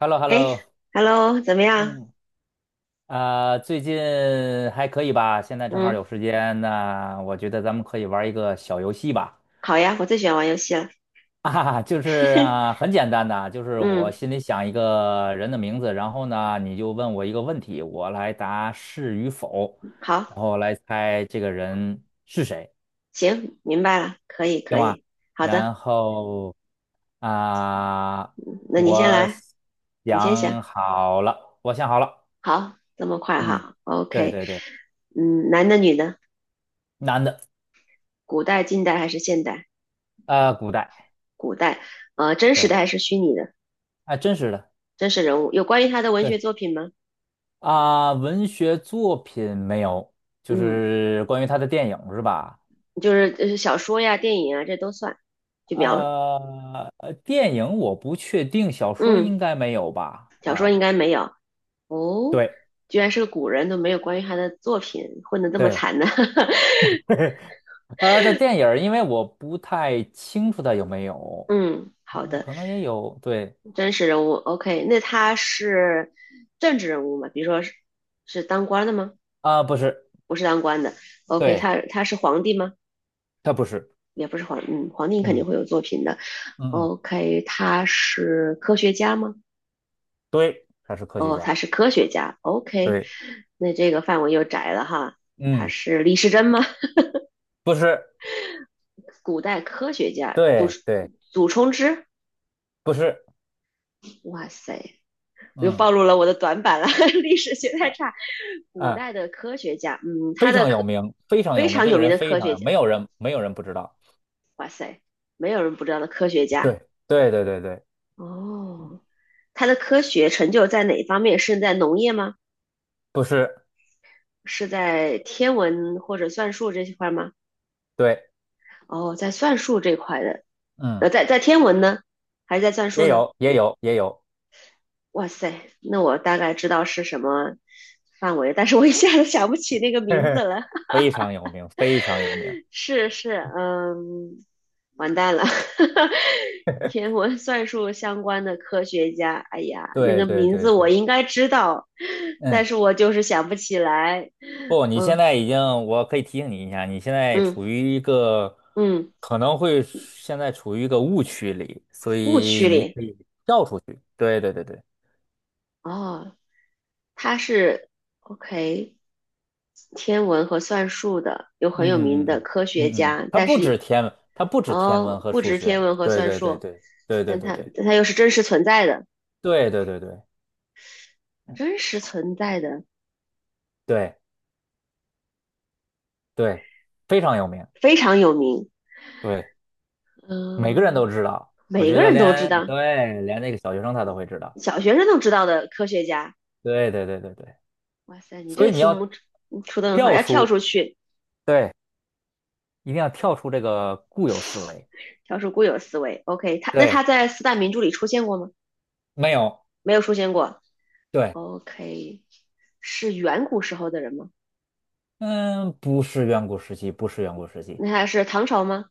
h e l l o h e l l o 哎，Hello，怎么样？嗯，啊，最近还可以吧？现在正好有嗯，时间，那我觉得咱们可以玩一个小游戏吧。好呀，我最喜欢玩游戏了。啊，就是啊，很简单的，就是嗯，我心里想一个人的名字，然后呢，你就问我一个问题，我来答是与否，好，然后来猜这个人是谁，行，明白了，可以，行可吗？以，好的，然后啊，嗯那你先我来，你先想。想好了，我想好了，好，这么快嗯，哈对，OK。对对，嗯，男的女的，男的。古代、近代还是现代？古代，古代，真实对，的还是虚拟的？啊，真实的，真实人物有关于他的文学对作品吗？啊，文学作品没有，就嗯，是关于他的电影是吧？就是小说呀、电影啊，这都算，就描，电影我不确定，小说嗯，应该没有吧？小说应啊，该没有。哦，对居然是个古人，都没有关于他的作品混得这么对，惨呢。的电影儿因为我不太清楚他有没有，嗯，好的，可能也有，对真实人物，OK，那他是政治人物吗？比如说是是当官的吗？啊，不是，不是当官的，OK，对，他是皇帝吗？他不是，也不是皇，嗯，皇帝肯定嗯会有作品的嗯嗯，，OK，他是科学家吗？对，他是科学哦，他家，是科学家，OK，对，那这个范围又窄了哈。他嗯，是李时珍吗？不是，古代科学家，祖对对，祖冲之，不是，哇塞，又嗯。暴露了我的短板了。历史学太差。古啊。代的科学家，嗯，他非的常有科名，非常非有名，常这个有名人的非科常学有，家，没有人不知道。哇塞，没有人不知道的科学家。对对对对对，哦，他的科学成就在哪方面？是在农业吗？不是，是在天文或者算术这一块吗？对，哦，在算术这块的，嗯，在天文呢，还是在算术也呢？有也有也有，哇塞，那我大概知道是什么范围，但是我一下子想不起那个名字 了。非常有名，非常有名。是是，嗯，完蛋了。天文算术相关的科学家，哎呀，那对个对名对字我对，应该知道，但嗯，是我就是想不起来。不，你现嗯在已经，我可以提醒你一下，你现在嗯处于一个嗯，可能会现在处于一个误区里，所误以区你里可以跳出去。对对对对，哦，他是 OK 天文和算术的，有很嗯有名嗯嗯的嗯科学嗯嗯，家，但是它不止天哦，文和不数止天学。文和对算对对术，对对对但对他对。但他又是真实存在的，对对对对真实存在的，对对，非常有名，非常有名。对，每个人都嗯。知道。我每觉个得人都知连，道，对，连那个小学生他都会知道。小学生都知道的科学家。对对对对对，哇塞，你这所个以你题要目出的很好，跳要跳出，出去，对，一定要跳出这个固有思维。跳出固有思维。OK，他那对，他在四大名著里出现过吗？没有，没有出现过。对，OK，是远古时候的人吗？嗯，不是远古时期，不是远古时期那他是唐朝吗？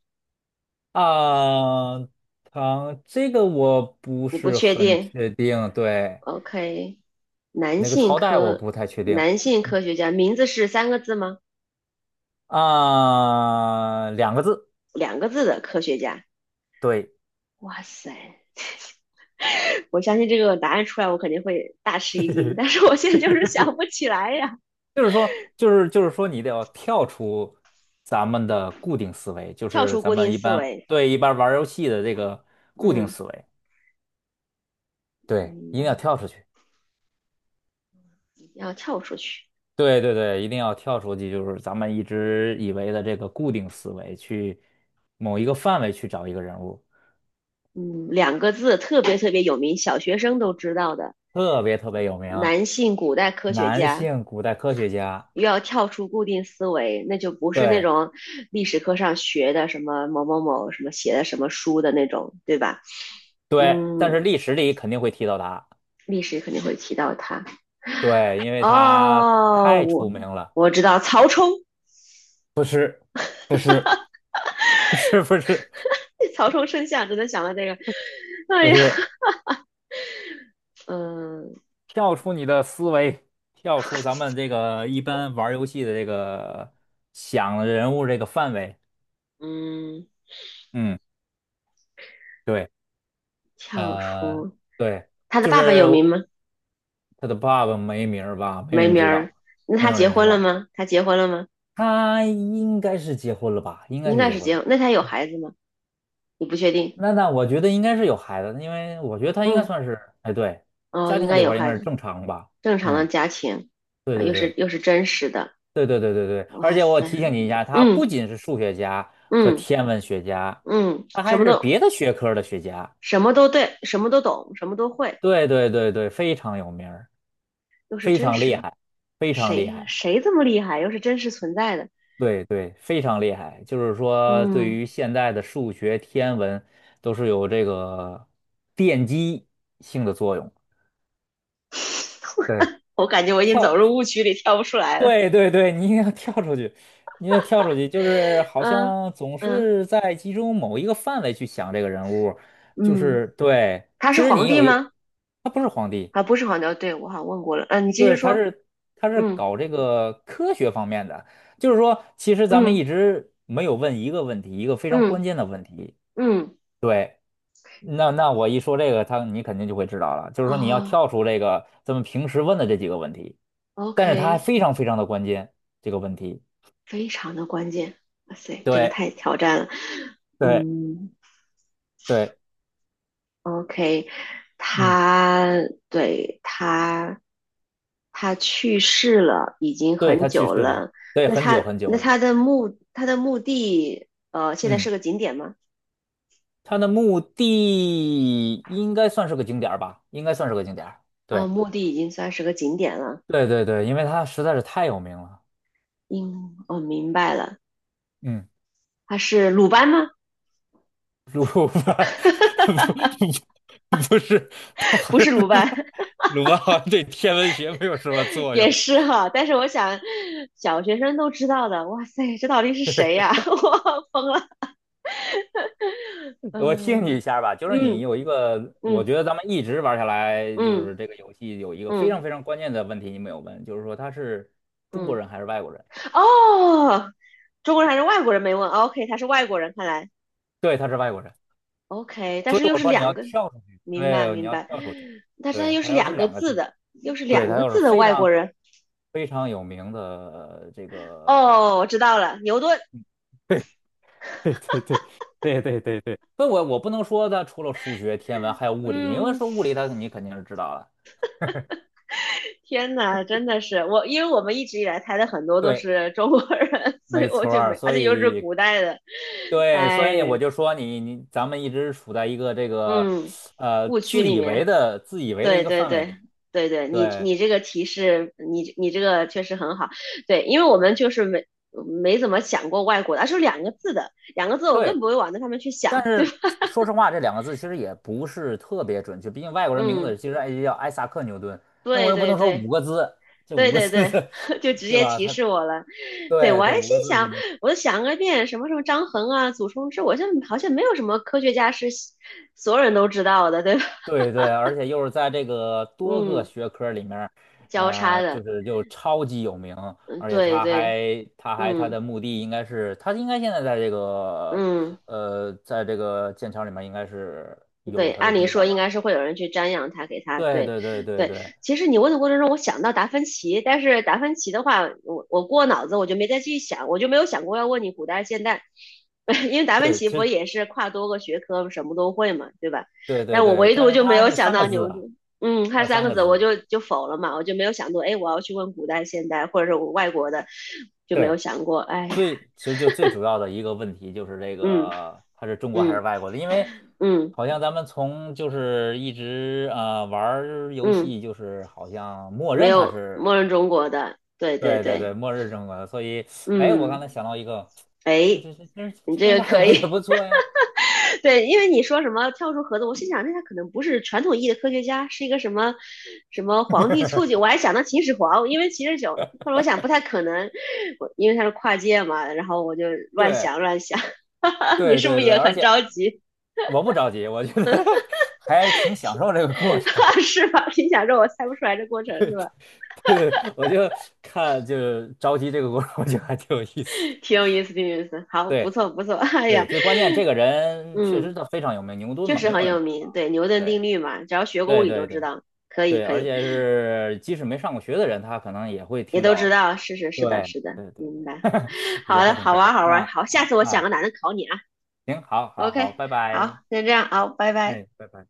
啊，唐，这个我不你不是确很定。确定，对，OK，男那个性朝代我科不太确定男性科学家名字是三个字吗？啊，两个字，两个字的科学家。对。哇塞，我相信这个答案出来，我肯定会大吃一惊，但 是我现在就是想不起来呀。就是说，就是说，你得要跳出咱们的固定思维，就跳是出咱固们定一思般，维，对，一般玩儿游戏的这个固定嗯思维，对，一定要嗯，跳出去。要跳出去，对对对，一定要跳出去，就是咱们一直以为的这个固定思维，去某一个范围去找一个人物，嗯，两个字特别特别有名，小学生都知道的，特别特别有名，男性古代科学男家。性古代科学家。又要跳出固定思维，那就不是那对种历史课上学的什么某某某什么写的什么书的那种，对吧？对，但嗯，是历史里肯定会提到他，历史肯定会提到他。对，因为他哦，太我出名了。我知道曹冲。不是，不是，不是，曹冲称象只能想到这个。哎不呀，是。嗯、跳出你的思维，跳出咱们这个一般玩儿游戏的这个想人物这个范围。嗯，嗯，对，跳呃，出对，他的就爸爸是有名吗？他的爸爸没名儿吧，没没人名知儿。道，那没他有结人知婚了道，吗？他结婚了吗？他应该是结婚了吧？应该应是该结是婚结了。婚。那他有孩子吗？你不确定。那我觉得应该是有孩子因为我觉得他应该嗯，算是，哎，对，哦，家应庭该这有块儿应孩该是子。正常吧。正常嗯，的家庭，对啊对又是对。又是真实的。对对对对对，而哇且我塞，提醒你一下，他不嗯仅是数学家和嗯天文学家，嗯，他什还么是都别的学科的学家。什么都对，什么都懂，什么都会，对对对对，非常有名儿，又是非真常厉实。害，非常厉谁害。谁这么厉害？又是真实存在的。对对，非常厉害。就是说，对嗯，于现在的数学、天文，都是有这个奠基性的作用。对。我感觉我已经走跳入误区里，跳不出来了。对对对，你一定要跳出去，你得跳出去，就是好嗯像总嗯是在集中某一个范围去想这个人物，就嗯，是对。他其是实皇你帝吗？他不是皇帝，啊，不是黄牛，对，我好像问过了。嗯、你继续对，他说。是他是嗯搞这个科学方面的，就是说，其实咱们一嗯直没有问一个问题，一个非常关嗯键的问题。嗯，对，那我一说这个，他你肯定就会知道了，就是说你要哦跳出这个咱们平时问的这几个问题，但是它，OK，还非常非常的关键，这个问题。非常的关键。哇塞，这个对。太挑战了。对嗯对，，OK，嗯，他对他他去世了，已经对，很他去久世了，了。对，那很久他很久那了，他的墓他的墓地现在嗯，是个景点吗？他的墓地应该算是个景点儿吧，应该算是个景点儿，呃，对，墓地已经算是个景点了。对对对，因为他实在是太有名了，嗯，我、明白了，嗯，他是鲁班吗？鲁班 不不不是，他 好不像是鲁班，鲁班好像对天文学没有什么 作用 也是 哈，但是我想，小学生都知道的，哇塞，这到底是谁呀、我疯了。我听你一嗯下吧，就是你嗯有一个，我嗯觉得咱们一直玩下来，就嗯是这个游戏有一个非常嗯非常关键的问题你没有问，就是说他是中国嗯，人还是外国人？哦，中国人还是外国人没问，OK，他是外国人，看来 对，他是外国人，OK，但所以是又我是说你两要个，跳出去，明白对，你明要白，跳出去，但是他对，又是他要是两个两个字字，的，又是对，两他个要是字的非外国常人。非常有名的这个，哦，我知道了，牛顿。对对对对对对对对，所以我不能说他除了数学、天文还有物理，因为嗯，说物理他你肯定是知道了，天呐，真的是我，因为我们一直以来猜的很多都对，是中国人，所以没我错就儿，没，而所且又是古以代的，对，哎所以呀，我就说你咱们一直处在一个这个嗯，误区自里以为面，的自以为的一对个对范围对里，对对，你对。你这个提示，你这个确实很好，对，因为我们就是没怎么想过外国的，而是两个字的，两个字我对，更不会往那上面去但想，对是吧？说实话，这2个字其实也不是特别准确，毕竟外国 人名嗯，字其实哎叫艾萨克牛顿，那我对又不对能说五对个字，这对五个对字对，是，就 直对接吧？提他示我了。对，我对还这五心个字是想，那我就想个遍，什么什么张衡啊、祖冲之，我就好像没有什么科学家是所有人都知道的，对吧？对对，而且又是在这个多个嗯，学科里面儿交叉就的，是又超级有名，嗯而且对他对，还他还他嗯的墓地应该是他应该现在在这个嗯。在这个剑桥里面应该是对，有他的按理地说方应吧？该是会有人去瞻仰他，给他对对，对对对对。对。其实你问的过程中，我想到达芬奇，但是达芬奇的话，我过脑子我就没再去想，我就没有想过要问你古代现代。因为达芬对，奇其不实也是跨多个学科，什么都会嘛，对吧？对对但我对，唯独但是就没它有是想三个到字牛啊，顿，嗯，看它是三三个个字我字。就就否了嘛，我就没有想过，哎，我要去问古代现代或者是我外国的，就没有对，想过，哎呀，其实就最主要的一个问题就是这嗯个，它是中国还是嗯外国的？因为嗯好像咱们从就是一直玩儿游嗯，戏，就是好像默没认它有是，默认中国的，对对对对对，对。默认中国的。所以，哎，我嗯，刚才想到一个，这哎，这这这你这这外个可国也以，不错呀。对，因为你说什么跳出盒子，我心想，那他可能不是传统意义的科学家，是一个什么什么皇帝促 进，我还想到秦始皇，因为秦始皇，后来我想不太可能，我因为他是跨界嘛，然后我就乱对想乱想，哈哈，你对是不对是对，也而很且着急？我不着急，我觉得 还挺享受这个过程。是吧？心想说我猜不出来这 过程 是对吧？对，我就看就是着急这个过程，我觉得还挺有意思的。挺有意思，挺有意思，好，不对错不错，哎对，呀，最关键这个人确嗯，实他非常有名，牛顿确嘛，实没有很人有不知名，道。对牛顿定对律嘛，只要学过物对理都对知对道，可以对，可而以。且是即使没上过学的人，他可能也会也听都知到。道，是是是的，对是的，对对明对，白。我觉好得的，还挺好哏玩儿儿，好是玩儿吧？好，下啊次我想啊，个男的考你啊。行，好，好，好，OK，拜好，拜，先这样啊，拜拜。哎，拜拜。